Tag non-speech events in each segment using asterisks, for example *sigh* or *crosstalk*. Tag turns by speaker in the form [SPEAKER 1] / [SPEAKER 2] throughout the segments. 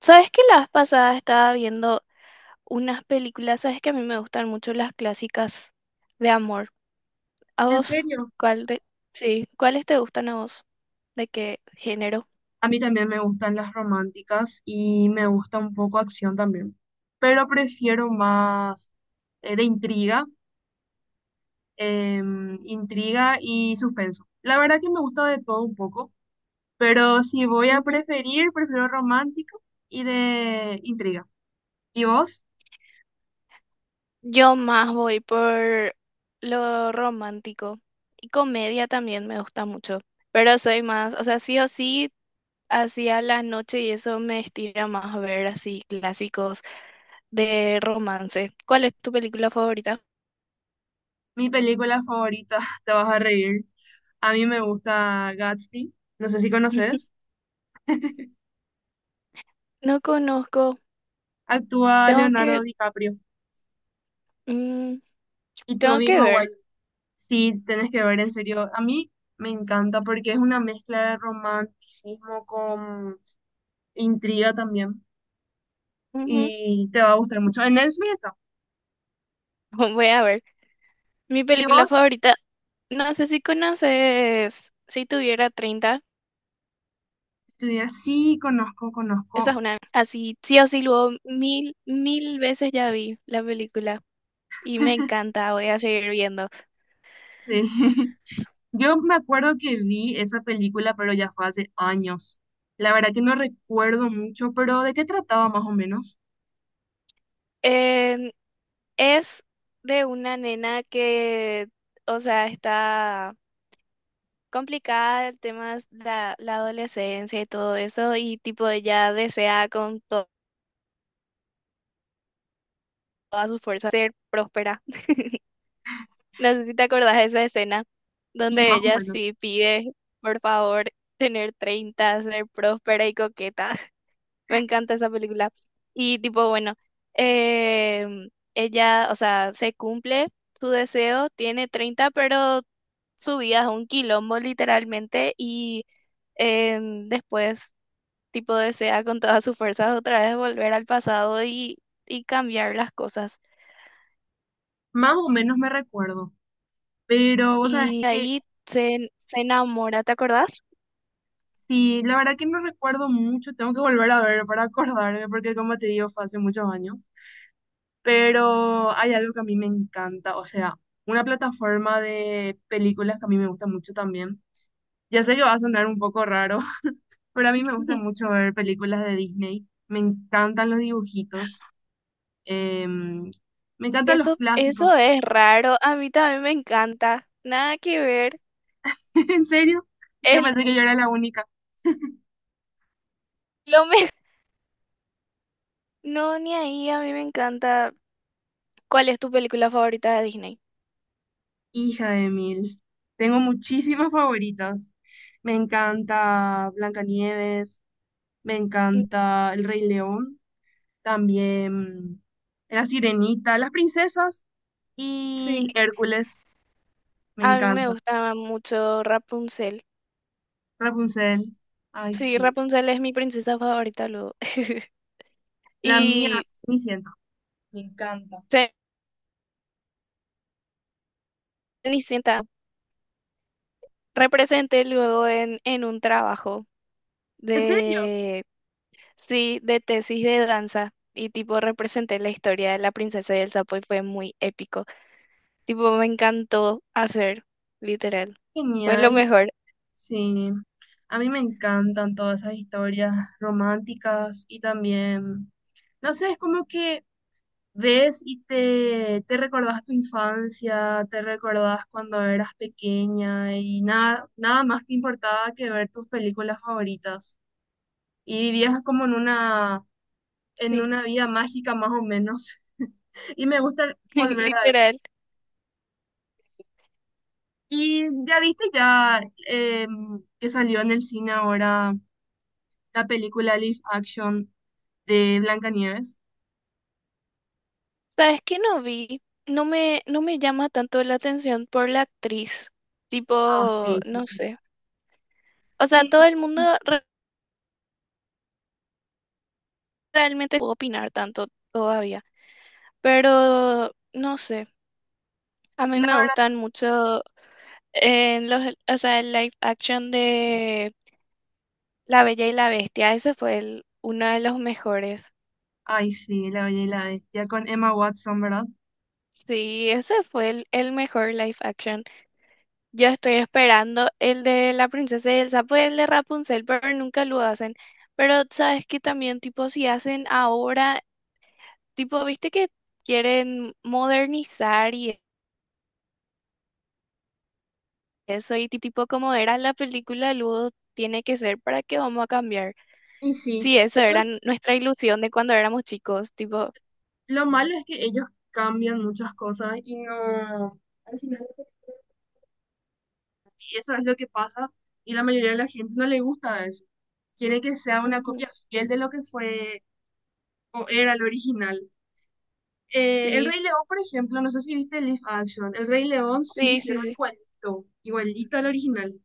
[SPEAKER 1] ¿Sabes que la vez pasada estaba viendo unas películas? ¿Sabes que a mí me gustan mucho las clásicas de amor? ¿A
[SPEAKER 2] En
[SPEAKER 1] vos?
[SPEAKER 2] serio,
[SPEAKER 1] ¿Cuál de... Sí, ¿cuáles te gustan a vos? ¿De qué género?
[SPEAKER 2] a mí también me gustan las románticas y me gusta un poco acción también, pero prefiero más de intriga, intriga y suspenso. La verdad que me gusta de todo un poco, pero si voy a
[SPEAKER 1] Ujú.
[SPEAKER 2] preferir, prefiero romántico y de intriga. ¿Y vos?
[SPEAKER 1] Yo más voy por lo romántico y comedia también me gusta mucho, pero soy más, o sea, sí o sí, hacia la noche y eso me estira más a ver así clásicos de romance. ¿Cuál es tu película favorita?
[SPEAKER 2] Mi película favorita, *laughs* te vas a reír. A mí me gusta Gatsby, no sé si conoces.
[SPEAKER 1] *laughs* No conozco,
[SPEAKER 2] Actúa
[SPEAKER 1] tengo
[SPEAKER 2] Leonardo
[SPEAKER 1] que
[SPEAKER 2] DiCaprio
[SPEAKER 1] Mm,
[SPEAKER 2] y
[SPEAKER 1] tengo
[SPEAKER 2] Tobey
[SPEAKER 1] que ver.
[SPEAKER 2] Maguire. Sí, tenés que ver, en serio. A mí me encanta porque es una mezcla de romanticismo con intriga también.
[SPEAKER 1] Ujú.
[SPEAKER 2] Y te va a gustar mucho. En Netflix está.
[SPEAKER 1] *laughs* Voy a ver. Mi
[SPEAKER 2] ¿Y
[SPEAKER 1] película
[SPEAKER 2] vos?
[SPEAKER 1] favorita, no sé si conoces, si tuviera 30
[SPEAKER 2] Tú dirás, sí, conozco,
[SPEAKER 1] esa es
[SPEAKER 2] conozco.
[SPEAKER 1] una, así, sí o sí, luego mil, mil veces ya vi la película y me encanta, voy a seguir viendo.
[SPEAKER 2] Sí. *laughs* Yo me acuerdo que vi esa película, pero ya fue hace años. La verdad que no recuerdo mucho, pero ¿de qué trataba más o menos?
[SPEAKER 1] Eh, es de una nena que, o sea, está complicada el tema de la adolescencia y todo eso y tipo ella desea con todas sus fuerzas ser próspera. No sé si te acordás de esa escena
[SPEAKER 2] Sí,
[SPEAKER 1] donde
[SPEAKER 2] más o
[SPEAKER 1] ella
[SPEAKER 2] menos.
[SPEAKER 1] sí pide, por favor, tener 30 ser próspera y coqueta. *laughs* Me encanta esa película. Y tipo, bueno, em, ella, o sea, se cumple su deseo, tiene 30 pero su vida es un quilombo literalmente y después, tipo, desea con todas sus fuerzas otra vez volver al pasado y cambiar las cosas.
[SPEAKER 2] Más o menos me recuerdo. Pero, ¿vos sabés
[SPEAKER 1] Y
[SPEAKER 2] que
[SPEAKER 1] ahí se enamora, ¿te acordás?
[SPEAKER 2] sí, la verdad que no recuerdo mucho? Tengo que volver a ver para acordarme, porque como te digo, fue hace muchos años, pero hay algo que a mí me encanta, o sea, una plataforma de películas que a mí me gusta mucho también. Ya sé que va a sonar un poco raro, *laughs* pero a mí me gusta
[SPEAKER 1] *laughs*
[SPEAKER 2] mucho ver películas de Disney, me encantan los dibujitos, em, me encantan los
[SPEAKER 1] Eso
[SPEAKER 2] clásicos,
[SPEAKER 1] es raro. A mí también me encanta. Nada que ver.
[SPEAKER 2] *laughs* en serio, yo
[SPEAKER 1] Es
[SPEAKER 2] pensé que yo era la única.
[SPEAKER 1] lo me... *laughs* No, ni ahí. A mí me encanta. ¿Cuál es tu película favorita de Disney?
[SPEAKER 2] Hija de mil. Tengo muchísimas favoritas. Me encanta Blancanieves, me
[SPEAKER 1] Mm,
[SPEAKER 2] encanta El Rey León, también La Sirenita, Las Princesas
[SPEAKER 1] sí,
[SPEAKER 2] y Hércules. Me
[SPEAKER 1] a mí me
[SPEAKER 2] encanta.
[SPEAKER 1] gusta mucho Rapunzel.
[SPEAKER 2] Rapunzel. Ay,
[SPEAKER 1] Sí,
[SPEAKER 2] sí.
[SPEAKER 1] Rapunzel es mi princesa favorita luego. *laughs*
[SPEAKER 2] La mía,
[SPEAKER 1] Y
[SPEAKER 2] Cenicienta. Me encanta.
[SPEAKER 1] Cenicienta representé luego en un trabajo
[SPEAKER 2] ¿En serio?
[SPEAKER 1] de, sí, de tesis de danza. Y tipo representé la historia de la princesa y el sapo y fue muy épico. Tipo, me encantó hacer, literal. Fue lo
[SPEAKER 2] Genial.
[SPEAKER 1] mejor.
[SPEAKER 2] Sí. A mí me encantan todas esas historias románticas y también, no sé, es como que ves y te recordás tu infancia, te recordás cuando eras pequeña y nada más te importaba que ver tus películas favoritas. Y vivías como en en
[SPEAKER 1] Sí,
[SPEAKER 2] una vida mágica más o menos. *laughs* Y me gusta
[SPEAKER 1] *laughs*
[SPEAKER 2] volver a eso.
[SPEAKER 1] literal.
[SPEAKER 2] Y ya viste ya que salió en el cine ahora la película Live Action de Blancanieves.
[SPEAKER 1] ¿Sabes qué no vi? No me llama tanto la atención por la actriz.
[SPEAKER 2] Ah,
[SPEAKER 1] Tipo,
[SPEAKER 2] sí, sí,
[SPEAKER 1] no
[SPEAKER 2] sí.
[SPEAKER 1] sé. O sea,
[SPEAKER 2] Sí,
[SPEAKER 1] todo el mundo realmente puede opinar tanto todavía. Pero, no sé. A mí
[SPEAKER 2] la
[SPEAKER 1] me
[SPEAKER 2] verdad.
[SPEAKER 1] gustan mucho en los, o sea, el live action de La Bella y la Bestia. Ese fue el, uno de los mejores.
[SPEAKER 2] Ay, sí, la bella y la bestia con Emma Watson, ¿verdad?
[SPEAKER 1] Sí, ese fue el mejor live action. Yo estoy esperando el de la princesa y el sapo y el de Rapunzel, pero nunca lo hacen. Pero sabes que también, tipo, si hacen ahora, tipo, viste que quieren modernizar y eso, y tipo, como era la película, luego tiene que ser para que vamos a cambiar.
[SPEAKER 2] Y sí,
[SPEAKER 1] Sí, eso era
[SPEAKER 2] ellos,
[SPEAKER 1] nuestra ilusión de cuando éramos chicos, tipo,
[SPEAKER 2] lo malo es que ellos cambian muchas cosas y no, al final, y eso es lo que pasa y la mayoría de la gente no le gusta eso. Quiere que sea una
[SPEAKER 1] ujú,
[SPEAKER 2] copia fiel de lo que fue o era el original. El
[SPEAKER 1] sí,
[SPEAKER 2] Rey León, por ejemplo, no sé si viste el live action, El Rey León sí
[SPEAKER 1] sí, sí,
[SPEAKER 2] hicieron
[SPEAKER 1] sí,
[SPEAKER 2] igualito, igualito al original,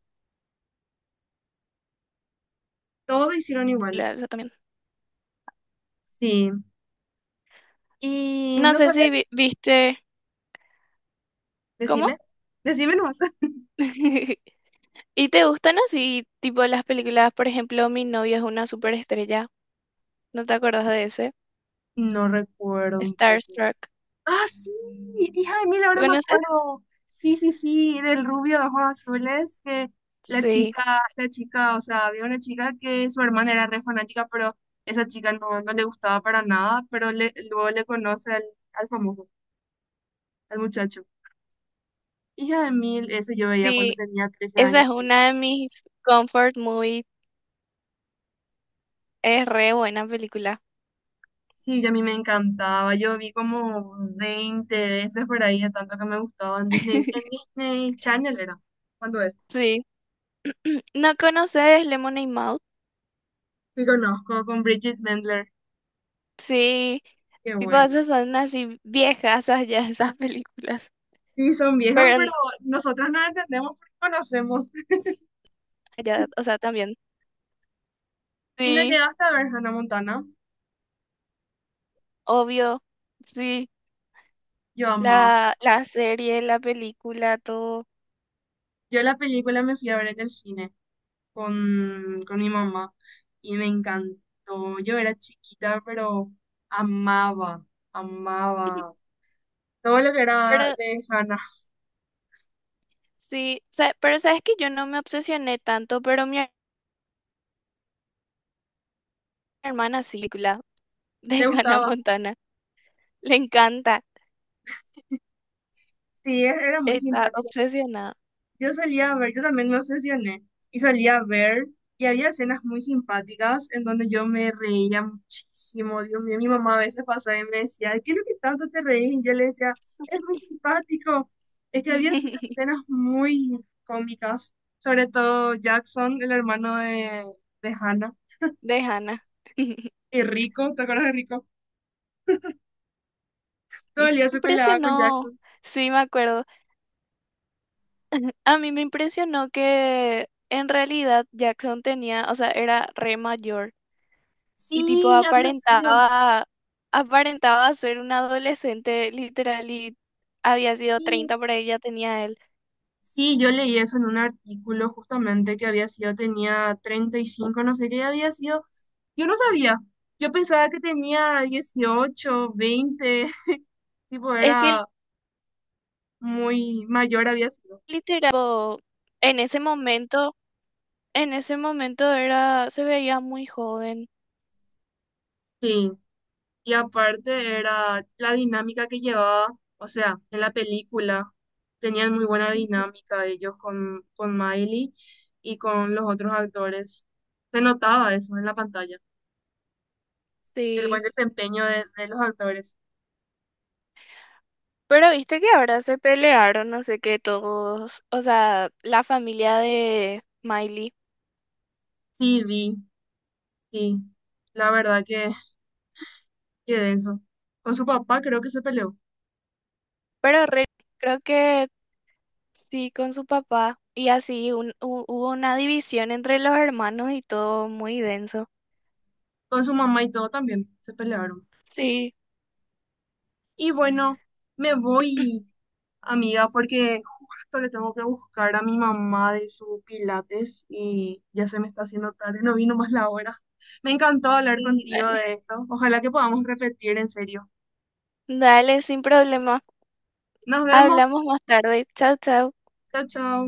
[SPEAKER 2] todo hicieron igual.
[SPEAKER 1] esa también.
[SPEAKER 2] Sí, y
[SPEAKER 1] No
[SPEAKER 2] no
[SPEAKER 1] sé
[SPEAKER 2] sabía,
[SPEAKER 1] si viste, ¿cómo?
[SPEAKER 2] decime, decime nomás. *laughs*
[SPEAKER 1] *laughs* ¿Y te gustan así, tipo las películas, por ejemplo, Mi novia es una superestrella? ¿No te acuerdas de ese?
[SPEAKER 2] No recuerdo un poco.
[SPEAKER 1] Starstruck.
[SPEAKER 2] Ah, sí, hija de mil, ahora me
[SPEAKER 1] ¿Conoces?
[SPEAKER 2] acuerdo. Sí, sí, sí, del rubio de ojos azules, que
[SPEAKER 1] Sí,
[SPEAKER 2] la chica, o sea, había una chica que su hermana era re fanática, pero esa chica no, no le gustaba para nada, pero le, luego le conoce al, al famoso, al muchacho. Hija de mil, eso yo veía cuando
[SPEAKER 1] sí,
[SPEAKER 2] tenía 13
[SPEAKER 1] esa
[SPEAKER 2] años.
[SPEAKER 1] es una de mis comfort movies. Es re buena película.
[SPEAKER 2] Sí, y a mí me encantaba, yo vi como 20 veces por ahí, de tanto que me gustaba en
[SPEAKER 1] *laughs*
[SPEAKER 2] Disney Channel era, cuando es,
[SPEAKER 1] Sí. ¿No conoces Lemonade Mouth?
[SPEAKER 2] y conozco con Bridget Mendler,
[SPEAKER 1] Sí,
[SPEAKER 2] qué
[SPEAKER 1] tipo
[SPEAKER 2] bueno.
[SPEAKER 1] esas son así viejas ya esas películas.
[SPEAKER 2] Sí, son viejas,
[SPEAKER 1] Pero
[SPEAKER 2] pero
[SPEAKER 1] n-
[SPEAKER 2] nosotras no entendemos porque conocemos.
[SPEAKER 1] ya, o sea, también.
[SPEAKER 2] Y no
[SPEAKER 1] Sí,
[SPEAKER 2] llegaste a ver Hannah Montana.
[SPEAKER 1] obvio. Sí,
[SPEAKER 2] Yo amaba.
[SPEAKER 1] la serie, la película, todo.
[SPEAKER 2] Yo la película me fui a ver en el cine con mi mamá y me encantó. Yo era chiquita, pero amaba, amaba
[SPEAKER 1] *laughs*
[SPEAKER 2] todo lo que era
[SPEAKER 1] Pero
[SPEAKER 2] de Hannah.
[SPEAKER 1] sí, pero sabes que yo no me obsesioné tanto, pero mi hermana sí, película *laughs*
[SPEAKER 2] Le
[SPEAKER 1] de Hannah
[SPEAKER 2] gustaba.
[SPEAKER 1] Montana. Le encanta,
[SPEAKER 2] Sí, era muy
[SPEAKER 1] está
[SPEAKER 2] simpática.
[SPEAKER 1] obsesionada
[SPEAKER 2] Yo salía a ver, yo también me obsesioné y salía a ver y había escenas muy simpáticas en donde yo me reía muchísimo. Dios mío, mi mamá a veces pasaba y me decía, ¿qué es lo que tanto te reís? Y yo le decía, es muy simpático. Es que había ciertas
[SPEAKER 1] *laughs*
[SPEAKER 2] escenas muy cómicas, sobre todo Jackson, el hermano de Hannah,
[SPEAKER 1] de Hannah.
[SPEAKER 2] y Rico, ¿te acuerdas de Rico? Todo el día se peleaba con
[SPEAKER 1] impresionó,
[SPEAKER 2] Jackson.
[SPEAKER 1] sí, me acuerdo. A mí me impresionó que en realidad Jackson tenía, o sea, era re mayor y tipo
[SPEAKER 2] Sí, había sido.
[SPEAKER 1] aparentaba, aparentaba ser un adolescente literal y había sido 30 por ahí, ya tenía él.
[SPEAKER 2] Sí, yo leí eso en un artículo justamente que había sido, tenía 35, no sé qué había sido. Yo no sabía. Yo pensaba que tenía 18, 20, *laughs* tipo
[SPEAKER 1] Es que
[SPEAKER 2] era muy mayor había sido.
[SPEAKER 1] literal, tipo, en ese momento... En ese momento era, se veía muy joven.
[SPEAKER 2] Sí, y aparte era la dinámica que llevaba, o sea, en la película tenían muy buena
[SPEAKER 1] Ujú.
[SPEAKER 2] dinámica ellos con Miley y con los otros actores. Se notaba eso en la pantalla, el buen
[SPEAKER 1] Sí.
[SPEAKER 2] desempeño de los actores.
[SPEAKER 1] Pero viste que ahora se pelearon, no sé qué, todos, o sea, la familia de Miley.
[SPEAKER 2] Sí, vi. Y la verdad que de eso. Con su papá creo que se peleó.
[SPEAKER 1] Pero creo que sí, con su papá. Y así hubo una división entre los hermanos y todo muy denso.
[SPEAKER 2] Con su mamá y todo también se pelearon.
[SPEAKER 1] Sí.
[SPEAKER 2] Y bueno, me voy,
[SPEAKER 1] *clears throat*
[SPEAKER 2] amiga, porque justo le tengo que buscar a mi mamá de su pilates y ya se me está haciendo tarde, no vino más la hora. Me encantó hablar contigo
[SPEAKER 1] Dale,
[SPEAKER 2] de esto. Ojalá que podamos repetir en serio.
[SPEAKER 1] dale, sin problema.
[SPEAKER 2] Nos vemos.
[SPEAKER 1] Hablamos más tarde. Chao, chao.
[SPEAKER 2] Chao, chao.